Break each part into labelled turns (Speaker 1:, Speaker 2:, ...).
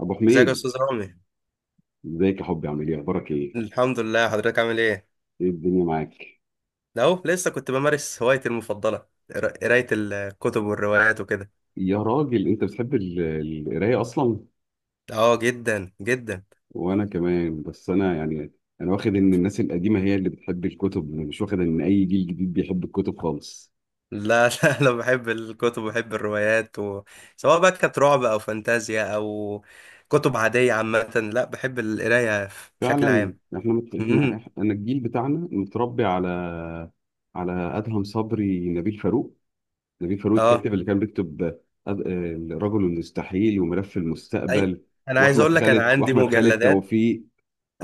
Speaker 1: ابو
Speaker 2: ازيك يا
Speaker 1: حميد،
Speaker 2: استاذ رامي؟
Speaker 1: ازيك يا حبي؟ عامل ايه؟ اخبارك ايه؟
Speaker 2: الحمد لله، حضرتك عامل ايه؟
Speaker 1: ايه الدنيا معاك؟
Speaker 2: ده اهو، لسه كنت بمارس هوايتي المفضله، قرايه الكتب والروايات وكده.
Speaker 1: يا راجل انت بتحب القرايه اصلا.
Speaker 2: اه، جدا جدا.
Speaker 1: وانا كمان، بس انا يعني انا واخد ان الناس القديمه هي اللي بتحب الكتب، أنا مش واخد ان اي جيل جديد بيحب الكتب خالص.
Speaker 2: لا لا، انا بحب الكتب وبحب الروايات، و... سواء بقى كانت رعب او فانتازيا او كتب عاديه عامه. لا، بحب القرايه بشكل
Speaker 1: فعلا
Speaker 2: عام.
Speaker 1: احنا
Speaker 2: امم.
Speaker 1: انا الجيل بتاعنا متربي على ادهم صبري، نبيل فاروق
Speaker 2: اه،
Speaker 1: الكاتب اللي كان بيكتب أد... آه، الرجل المستحيل وملف
Speaker 2: اي،
Speaker 1: المستقبل.
Speaker 2: انا عايز
Speaker 1: واحمد
Speaker 2: اقول لك انا
Speaker 1: خالد
Speaker 2: عندي
Speaker 1: واحمد خالد
Speaker 2: مجلدات.
Speaker 1: توفيق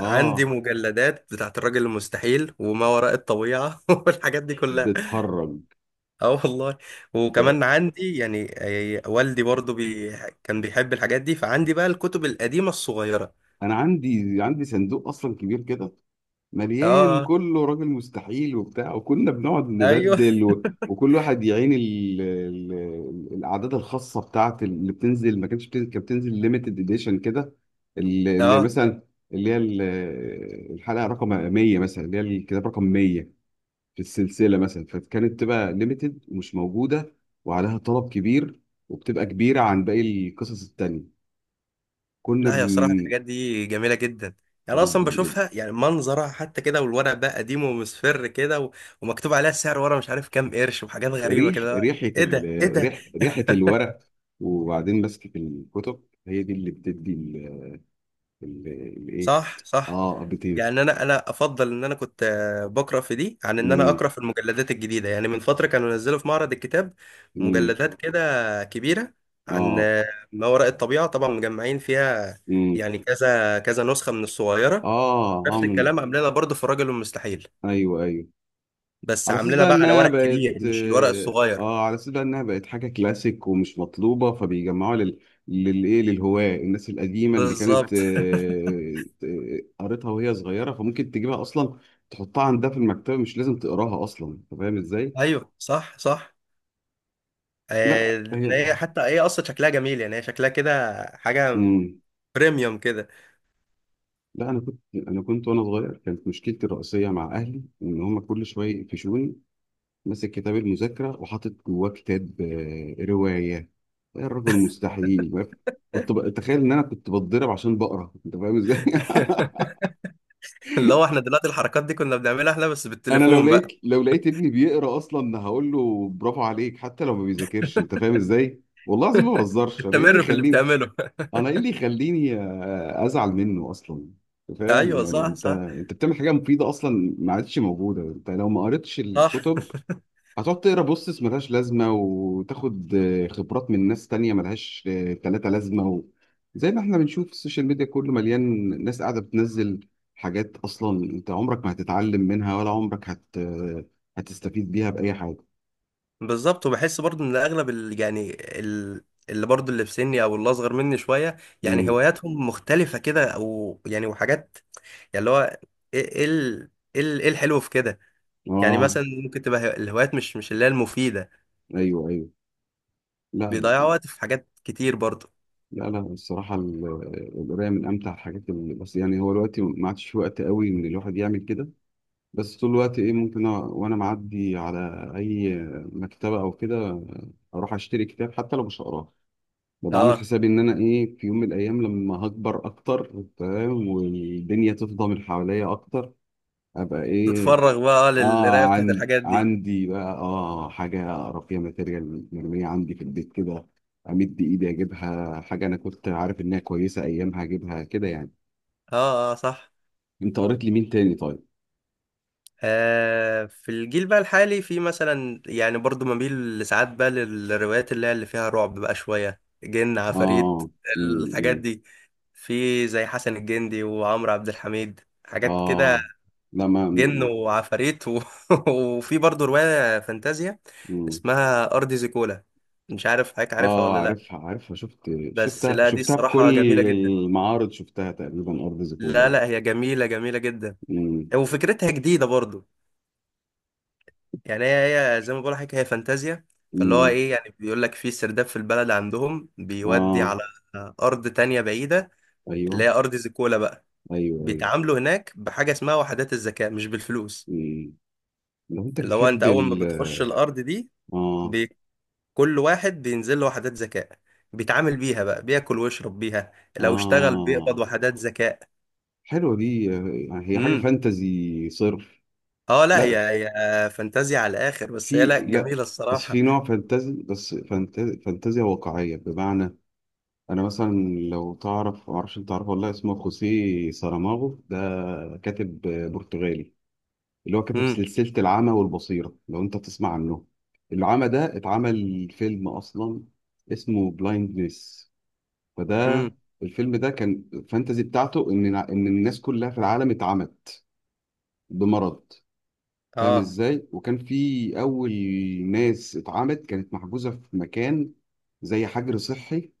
Speaker 2: عندي مجلدات بتاعت الراجل المستحيل وما وراء الطبيعه والحاجات دي كلها.
Speaker 1: بتهرج.
Speaker 2: اه والله.
Speaker 1: ب...
Speaker 2: وكمان عندي، يعني والدي برضو، كان بيحب الحاجات دي، فعندي بقى الكتب القديمة الصغيرة.
Speaker 1: انا عندي صندوق اصلا كبير كده
Speaker 2: اه،
Speaker 1: مليان
Speaker 2: آه،
Speaker 1: كله راجل مستحيل وبتاع، وكنا بنقعد
Speaker 2: ايوه
Speaker 1: نبدل و... وكل واحد يعين الاعداد الخاصه بتاعت اللي بتنزل. ما كانتش بتنزل، كانت بتنزل ليميتد اديشن كده. اللي
Speaker 2: اه.
Speaker 1: مثلا، اللي هي الحلقه رقم 100 مثلا، اللي هي الكتاب رقم 100 في السلسله مثلا، فكانت تبقى ليميتد ومش موجوده وعليها طلب كبير، وبتبقى كبيره عن باقي القصص التانيه. كنا
Speaker 2: لا يا صراحة
Speaker 1: بن...
Speaker 2: الحاجات دي جميلة جدا، يعني اصلا
Speaker 1: جدا جدا.
Speaker 2: بشوفها، يعني منظرها حتى كده، والورق بقى قديم ومصفر كده، ومكتوب عليها السعر ورا، مش عارف كام قرش، وحاجات غريبة
Speaker 1: ريح
Speaker 2: كده،
Speaker 1: ريحة
Speaker 2: ايه ده ايه
Speaker 1: ال...
Speaker 2: ده؟
Speaker 1: ريح ريحة الورق، وبعدين ماسكة الكتب هي دي اللي بتدي الايه.
Speaker 2: صح، صح.
Speaker 1: اه، بتدي.
Speaker 2: يعني انا افضل ان انا كنت بقرا في دي عن ان انا
Speaker 1: امم.
Speaker 2: اقرا في المجلدات الجديده، يعني من فتره كانوا نزلوا في معرض الكتاب
Speaker 1: امم.
Speaker 2: مجلدات كده كبيره عن
Speaker 1: اه.
Speaker 2: ما وراء الطبيعه، طبعا مجمعين فيها،
Speaker 1: امم.
Speaker 2: يعني كذا كذا نسخه من الصغيره.
Speaker 1: اه.
Speaker 2: نفس
Speaker 1: هم.
Speaker 2: الكلام عاملينها برضه في الرجل المستحيل،
Speaker 1: ايوه، ايوه،
Speaker 2: بس
Speaker 1: على اساس
Speaker 2: عاملينها
Speaker 1: بقى
Speaker 2: بقى على
Speaker 1: انها
Speaker 2: ورق
Speaker 1: بقت،
Speaker 2: كبير، مش الورق الصغير.
Speaker 1: اه على اساس بقى انها بقت حاجه كلاسيك ومش مطلوبه، فبيجمعوها لل للهواة، الناس القديمه اللي كانت
Speaker 2: بالظبط
Speaker 1: قريتها وهي صغيره، فممكن تجيبها اصلا، تحطها عندها في المكتبه، مش لازم تقراها اصلا، انت فاهم ازاي؟
Speaker 2: ايوه، صح، صح.
Speaker 1: لا هي
Speaker 2: إن هي حتى هي اصلا شكلها جميل، يعني هي شكلها كده حاجه
Speaker 1: مم.
Speaker 2: بريميوم كده.
Speaker 1: لا انا كنت، وانا صغير كانت مشكلتي الرئيسيه مع اهلي ان هم كل شويه يقفشوني ماسك كتاب المذاكرة وحاطط جواه كتاب رواية، يا الرجل مستحيل. تخيل ان انا كنت بتضرب عشان بقرا، انت فاهم ازاي؟
Speaker 2: اللي هو احنا دلوقتي الحركات دي كنا بنعملها احنا بس
Speaker 1: انا لو
Speaker 2: بالتليفون
Speaker 1: لقيت،
Speaker 2: بقى.
Speaker 1: ابني بيقرا اصلا، هقول له برافو عليك حتى لو ما بيذاكرش. انت فاهم ازاي؟ والله العظيم ما بهزرش. انا ايه اللي
Speaker 2: استمر في اللي
Speaker 1: يخليني،
Speaker 2: بتعمله.
Speaker 1: انا ايه اللي يخليني ازعل منه اصلا؟ انت فاهم؟
Speaker 2: ايوه،
Speaker 1: يعني
Speaker 2: صح،
Speaker 1: انت
Speaker 2: صح،
Speaker 1: انت بتعمل حاجه مفيده اصلا ما عادش موجوده. انت لو ما قريتش
Speaker 2: صح.
Speaker 1: الكتب، هتقعد تقرا بوستس ملهاش لازمة، وتاخد خبرات من ناس تانية ملهاش تلاتة لازمة زي ما احنا بنشوف السوشيال ميديا كله مليان ناس قاعدة بتنزل حاجات أصلا أنت عمرك ما هتتعلم منها، ولا عمرك هت... آه، هتستفيد بيها بأي حاجة.
Speaker 2: بالظبط، وبحس برضو ان اغلب يعني ال... اللي برضو اللي في سني او اللي اصغر مني شويه، يعني
Speaker 1: امم.
Speaker 2: هواياتهم مختلفه كده، او يعني وحاجات، يعني اللي هو ايه إيه الحلو في كده؟ يعني
Speaker 1: آه.
Speaker 2: مثلا ممكن تبقى الهوايات مش اللي هي المفيده،
Speaker 1: أيوه، أيوه. لا.
Speaker 2: بيضيعوا وقت في حاجات كتير برضو.
Speaker 1: لا لا، الصراحة القراية من أمتع الحاجات، اللي بس يعني هو دلوقتي ما عادش في وقت قوي إن الواحد يعمل كده. بس طول الوقت ايه، ممكن وانا معدي على اي مكتبة او كده، اروح اشتري كتاب حتى لو مش هقراه. ببقى عامل
Speaker 2: اه،
Speaker 1: حسابي ان انا ايه، في يوم من الايام لما هكبر اكتر، تمام، والدنيا تفضى من حواليا اكتر، ابقى ايه.
Speaker 2: تتفرغ بقى للقرايه
Speaker 1: اه،
Speaker 2: بتاعت
Speaker 1: عن
Speaker 2: الحاجات دي.
Speaker 1: عندي بقى اه حاجة اقرا فيها، ماتيريال مرمية عندي في البيت كده، امد ايدي اجيبها. حاجة انا كنت عارف انها كويسة ايامها، اجيبها كده يعني.
Speaker 2: اه، اه، صح.
Speaker 1: انت قريت لي مين تاني طيب؟
Speaker 2: في الجيل بقى الحالي، في مثلا يعني برضو بميل ساعات بقى للروايات اللي هي اللي فيها رعب بقى، شوية جن عفاريت،
Speaker 1: اه. امم.
Speaker 2: الحاجات
Speaker 1: إمم.
Speaker 2: دي. في زي حسن الجندي وعمرو عبد الحميد، حاجات كده،
Speaker 1: اه. لا. ما
Speaker 2: جن
Speaker 1: م-
Speaker 2: وعفاريت وفي برضو رواية فانتازيا
Speaker 1: م-
Speaker 2: اسمها أرض زيكولا، مش عارف حضرتك عارفها
Speaker 1: اه.
Speaker 2: ولا لأ؟
Speaker 1: عارفها، عارفها. شفت.
Speaker 2: بس
Speaker 1: شفتها،
Speaker 2: لا، دي
Speaker 1: شفتها في كل
Speaker 2: الصراحة جميلة جدا.
Speaker 1: المعارض، شفتها تقريبا. ارض زيكولا
Speaker 2: لا،
Speaker 1: يعني.
Speaker 2: لا، هي جميلة جميلة جدا،
Speaker 1: م.
Speaker 2: وفكرتها جديدة برضو. يعني هي زي ما بقول لك، هي فانتازيا، فاللي هو
Speaker 1: م.
Speaker 2: ايه يعني بيقول لك في سرداب في البلد عندهم بيودي
Speaker 1: اه.
Speaker 2: على ارض تانية بعيدة، اللي
Speaker 1: ايوه،
Speaker 2: هي ارض زيكولا بقى.
Speaker 1: ايوه. ايوه.
Speaker 2: بيتعاملوا هناك بحاجة اسمها وحدات الذكاء، مش بالفلوس.
Speaker 1: م. لو انت
Speaker 2: اللي هو انت
Speaker 1: بتحب
Speaker 2: اول ما
Speaker 1: ال،
Speaker 2: بتخش الارض دي،
Speaker 1: اه.
Speaker 2: بي... كل واحد بينزل له وحدات ذكاء، بيتعامل بيها بقى، بياكل ويشرب بيها، لو اشتغل بيقبض
Speaker 1: اه.
Speaker 2: وحدات ذكاء.
Speaker 1: حلوه دي، هي حاجه
Speaker 2: امم.
Speaker 1: فانتزي صرف.
Speaker 2: اه، لا،
Speaker 1: لا،
Speaker 2: هي فانتازيا على الاخر، بس هي
Speaker 1: في،
Speaker 2: لا
Speaker 1: لا.
Speaker 2: جميلة
Speaker 1: اصل في
Speaker 2: الصراحة.
Speaker 1: نوع فانتزي، بس فانتزي، فانتزيا واقعيه بمعنى، انا مثلا، لو تعرف، معرفش انت تعرفه والله، اسمه خوسيه ساراماغو ده. كاتب برتغالي. اللي هو كتب
Speaker 2: امم،
Speaker 1: سلسلة العمى والبصيرة، لو انت تسمع عنه. العمى ده اتعمل فيلم اصلا، اسمه بلايندنس. فده
Speaker 2: امم،
Speaker 1: الفيلم ده كان فانتزي بتاعته ان ان الناس كلها في العالم اتعمت بمرض. فاهم
Speaker 2: اه،
Speaker 1: ازاي؟ وكان في اول ناس اتعمت كانت محجوزة في مكان، زي حجر صحي،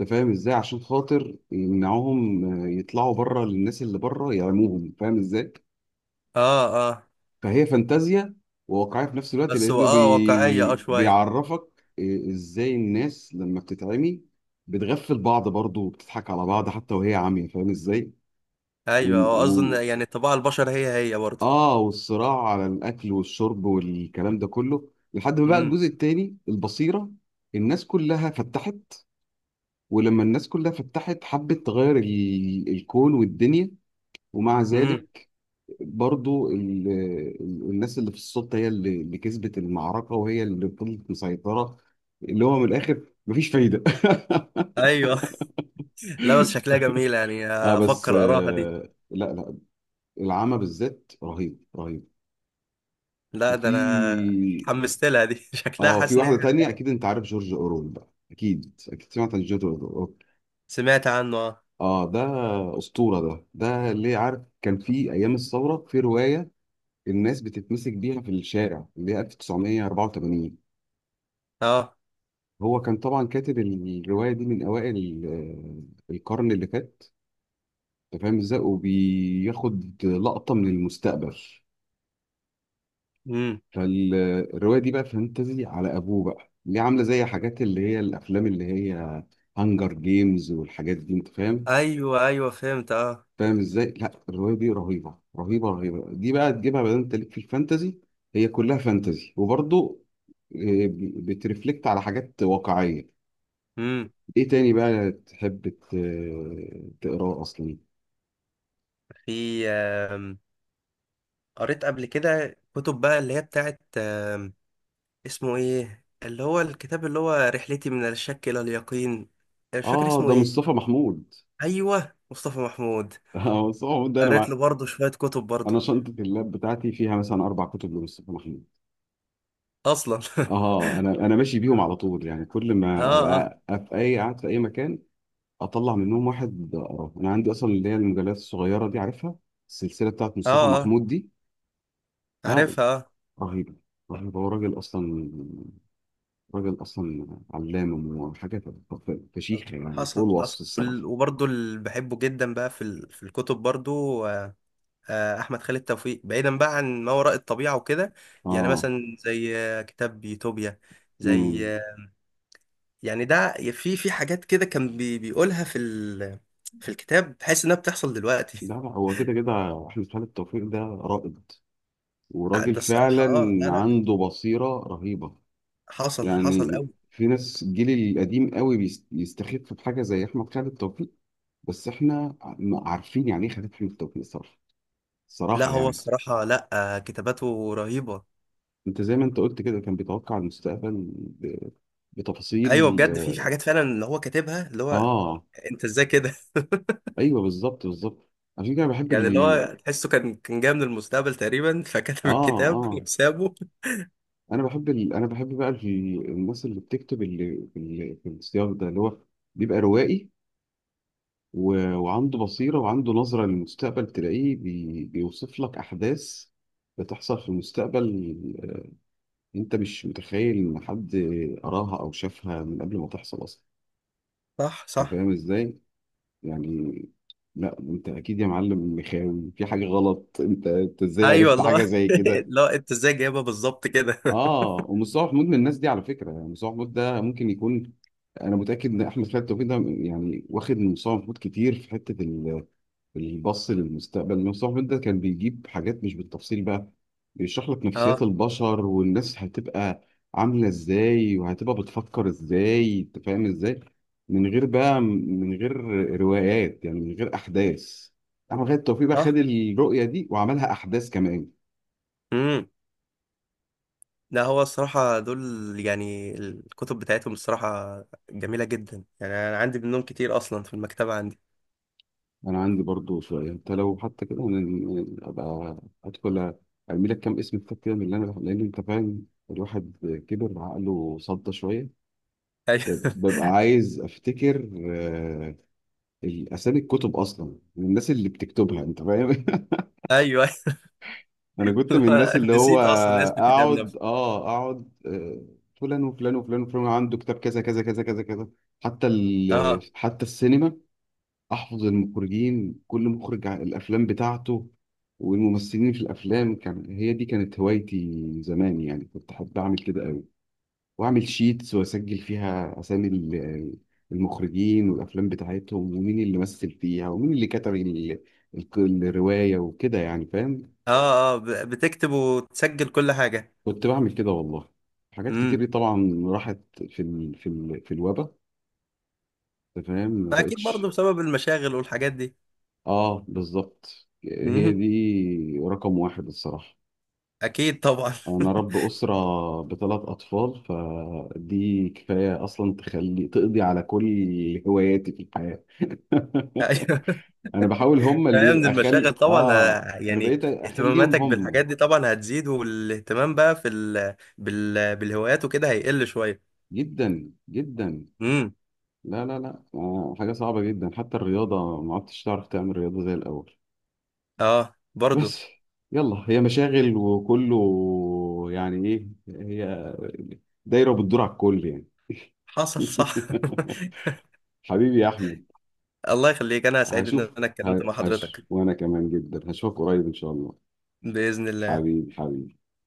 Speaker 1: انت فاهم ازاي؟ عشان خاطر يمنعوهم يطلعوا بره للناس اللي بره يعموهم. فاهم ازاي؟
Speaker 2: اه، آه.
Speaker 1: فهي فانتازيا وواقعيه في نفس الوقت،
Speaker 2: بس هو،
Speaker 1: لانه
Speaker 2: اه، واقعية اه شوية.
Speaker 1: بيعرفك ازاي الناس لما بتتعمي بتغفل بعض برضه، وبتضحك على بعض حتى وهي عاميه، فاهم ازاي؟ و...
Speaker 2: ايوه، هو
Speaker 1: و...
Speaker 2: اصلا يعني طباع البشر هي هي برضه.
Speaker 1: اه، والصراع على الاكل والشرب والكلام ده كله، لحد ما بقى
Speaker 2: امم،
Speaker 1: الجزء التاني، البصيره، الناس كلها فتحت، ولما الناس كلها فتحت حبت تغير الكون والدنيا، ومع
Speaker 2: امم،
Speaker 1: ذلك برضو الناس اللي في السلطة هي اللي كسبت المعركة، وهي اللي فضلت مسيطرة، اللي هو من الآخر مفيش فايدة.
Speaker 2: ايوه لا، بس شكلها جميلة، يعني
Speaker 1: اه، بس
Speaker 2: افكر اقراها دي.
Speaker 1: آه لا لا، العمى بالذات رهيب رهيب.
Speaker 2: لا، ده انا
Speaker 1: وفي،
Speaker 2: اتحمست لها دي شكلها،
Speaker 1: اه، في
Speaker 2: حاسس ان هي
Speaker 1: واحدة تانية
Speaker 2: حلوة.
Speaker 1: أكيد أنت عارف جورج أورول، بقى أكيد أكيد سمعت عن جورج أورول.
Speaker 2: سمعت عنه، اه.
Speaker 1: اه، ده أسطورة. ده ده اللي عارف كان في أيام الثورة في رواية الناس بتتمسك بيها في الشارع، اللي هي 1984.
Speaker 2: اه،
Speaker 1: هو كان طبعا كاتب الرواية دي من أوائل القرن اللي فات، أنت فاهم إزاي، وبياخد لقطة من المستقبل.
Speaker 2: امم،
Speaker 1: فالرواية دي بقى فانتزي على أبوه بقى، اللي عاملة زي حاجات اللي هي الأفلام اللي هي هانجر جيمز والحاجات دي، أنت فاهم.
Speaker 2: ايوه، ايوه، فهمت اه.
Speaker 1: فاهم إزاي؟ لا الرواية دي رهيبة رهيبة رهيبة. دي بقى تجيبها بقى، أنت ليك في الفانتزي. هي كلها فانتزي وبرضه بترفلكت على حاجات واقعية.
Speaker 2: امم،
Speaker 1: ايه تاني بقى تحب تقراه اصلا؟
Speaker 2: في قريت قبل كده كتب بقى اللي هي بتاعت اسمه ايه؟ اللي هو الكتاب اللي هو رحلتي من الشك الى اليقين، أنا مش فاكر
Speaker 1: اه
Speaker 2: اسمه
Speaker 1: ده
Speaker 2: ايه.
Speaker 1: مصطفى محمود.
Speaker 2: ايوه، مصطفى محمود.
Speaker 1: اه مصطفى محمود ده انا
Speaker 2: قريت له برضه شوية كتب برضه.
Speaker 1: انا شنطه اللاب بتاعتي فيها مثلا 4 كتب لمصطفى محمود.
Speaker 2: أصلا
Speaker 1: اه انا ماشي بيهم على طول يعني، كل
Speaker 2: آه،
Speaker 1: ما
Speaker 2: آه،
Speaker 1: ابقى أبقى في اي، قاعد في اي مكان، اطلع منهم واحد اقراه. انا عندي اصلا اللي هي المجلات الصغيره دي، عارفها؟ السلسله بتاعت
Speaker 2: آه،
Speaker 1: مصطفى
Speaker 2: آه،
Speaker 1: محمود دي. اه،
Speaker 2: عارفها آه.
Speaker 1: رهيبه، رهيبه. هو راجل اصلا، راجل اصلا، علام وحاجه فشيخه يعني، فوق
Speaker 2: حصل حصل،
Speaker 1: الوصف الصراحه.
Speaker 2: وبرضه اللي بحبه جدا بقى في في الكتب برضه. آه، آه، أحمد خالد توفيق بعيدا بقى عن ما وراء الطبيعة وكده، يعني
Speaker 1: اه.
Speaker 2: مثلا زي كتاب يوتوبيا، زي
Speaker 1: امم.
Speaker 2: يعني ده، في حاجات كده كان بيقولها في الكتاب، تحس إنها بتحصل دلوقتي.
Speaker 1: لا لا هو كده كده احمد خالد توفيق ده رائد،
Speaker 2: ده
Speaker 1: وراجل
Speaker 2: الصراحة،
Speaker 1: فعلا
Speaker 2: آه، لا، لا.
Speaker 1: عنده بصيرة رهيبة.
Speaker 2: حصل حصل
Speaker 1: يعني
Speaker 2: أوي.
Speaker 1: في ناس الجيل القديم قوي بيستخف بحاجة زي احمد خالد توفيق، بس احنا عارفين يعني ايه خالد احمد توفيق صراحة،
Speaker 2: لا،
Speaker 1: صراحة
Speaker 2: هو
Speaker 1: يعني.
Speaker 2: الصراحة، لا. كتاباته رهيبة.
Speaker 1: انت زي ما انت قلت كده، كان بيتوقع المستقبل بتفاصيل.
Speaker 2: ايوه بجد، في حاجات فعلا اللي هو كاتبها، اللي هو
Speaker 1: اه،
Speaker 2: انت ازاي كده؟
Speaker 1: ايوه بالظبط بالظبط، عشان كده بحب
Speaker 2: يعني اللي
Speaker 1: ال،
Speaker 2: هو تحسه كان جاي من المستقبل تقريبا، فكتب
Speaker 1: اه.
Speaker 2: الكتاب
Speaker 1: اه،
Speaker 2: وسابه.
Speaker 1: انا انا بحب بقى الناس اللي بتكتب اللي في في السياق ده، اللي هو بيبقى روائي، وعنده بصيرة وعنده نظرة للمستقبل، تلاقيه بيوصف لك احداث بتحصل في المستقبل، انت مش متخيل ان حد قراها او شافها من قبل ما تحصل اصلا.
Speaker 2: صح،
Speaker 1: انت
Speaker 2: صح.
Speaker 1: فاهم ازاي؟ يعني، لا انت اكيد يا معلم مخاوي في حاجة غلط، انت ازاي
Speaker 2: ايوه
Speaker 1: عرفت حاجة
Speaker 2: والله.
Speaker 1: زي كده؟
Speaker 2: لا، انت ازاي جايبها بالظبط كده؟
Speaker 1: اه، ومصطفى محمود من الناس دي على فكره. يعني مصطفى محمود ده ممكن يكون، انا متاكد ان احمد خالد توفيق ده يعني واخد من مصطفى محمود كتير في حته البص للمستقبل. مصطفى محمود ده كان بيجيب حاجات مش بالتفصيل بقى، بيشرح لك نفسيات
Speaker 2: اه،
Speaker 1: البشر والناس هتبقى عامله ازاي وهتبقى بتفكر ازاي، انت فاهم ازاي؟ من غير بقى، من غير روايات يعني، من غير احداث. احمد خالد توفيق بقى خد
Speaker 2: صح.
Speaker 1: الرؤيه دي وعملها احداث كمان.
Speaker 2: امم. لا، هو الصراحه دول، يعني الكتب بتاعتهم الصراحه جميله جدا، يعني انا عندي منهم كتير اصلا في المكتبه عندي.
Speaker 1: انا عندي برضو سؤال انت، لو حتى كده انا ابقى ادخل ارمي لك كام اسم كتاب كده من اللي انا، لان انت فاهم، الواحد كبر عقله صدى شويه،
Speaker 2: ايوه
Speaker 1: ببقى عايز افتكر الاسامي، الكتب اصلا، من الناس اللي بتكتبها. انت فاهم؟
Speaker 2: ايوه
Speaker 1: انا كنت من الناس
Speaker 2: لا،
Speaker 1: اللي هو
Speaker 2: نسيت اصلا اسم الكتاب
Speaker 1: اقعد،
Speaker 2: نفسه.
Speaker 1: اه اقعد فلان وفلان وفلان وفلان، عنده كتاب كذا كذا كذا كذا كذا. حتى
Speaker 2: اه،
Speaker 1: حتى السينما، احفظ المخرجين، كل مخرج الافلام بتاعته والممثلين في الافلام. كان هي دي كانت هوايتي زمان يعني، كنت احب اعمل كده قوي، واعمل شيتس واسجل فيها اسامي المخرجين والافلام بتاعتهم ومين اللي مثل فيها ومين اللي كتب الروايه وكده يعني، فاهم؟
Speaker 2: اه، اه، بتكتب وتسجل كل حاجه؟
Speaker 1: كنت بعمل كده والله. حاجات كتير
Speaker 2: امم.
Speaker 1: دي طبعا راحت في في الوبا، أنت فاهم، ما
Speaker 2: فاكيد برضه
Speaker 1: بقتش.
Speaker 2: بسبب المشاغل والحاجات دي.
Speaker 1: اه بالظبط، هي
Speaker 2: مهم.
Speaker 1: دي رقم واحد الصراحه.
Speaker 2: اكيد طبعا.
Speaker 1: انا رب اسره بثلاث اطفال، فدي كفايه اصلا تخلي تقضي على كل هواياتي في الحياه.
Speaker 2: ايوه.
Speaker 1: انا بحاول هم اللي
Speaker 2: أيوة، من
Speaker 1: يبقى
Speaker 2: المشاغل
Speaker 1: اخلي،
Speaker 2: طبعا،
Speaker 1: اه انا
Speaker 2: يعني
Speaker 1: بقيت اخليهم
Speaker 2: اهتماماتك
Speaker 1: هم.
Speaker 2: بالحاجات دي طبعا هتزيد، والاهتمام بقى في بالهوايات وكده هيقل شويه.
Speaker 1: جدا جدا.
Speaker 2: امم.
Speaker 1: لا لا لا، آه حاجه صعبه جدا، حتى الرياضه ما عدتش تعرف تعمل رياضه زي الاول.
Speaker 2: اه برضه.
Speaker 1: بس يلا، هي مشاغل وكله يعني، ايه هي دايره بتدور على الكل يعني.
Speaker 2: حصل صح.
Speaker 1: حبيبي يا احمد.
Speaker 2: الله يخليك، انا سعيد ان
Speaker 1: هشوف،
Speaker 2: انا اتكلمت مع
Speaker 1: هش،
Speaker 2: حضرتك.
Speaker 1: وانا كمان جدا هشوفك قريب ان شاء الله.
Speaker 2: باذن الله.
Speaker 1: حبيبي حبيبي.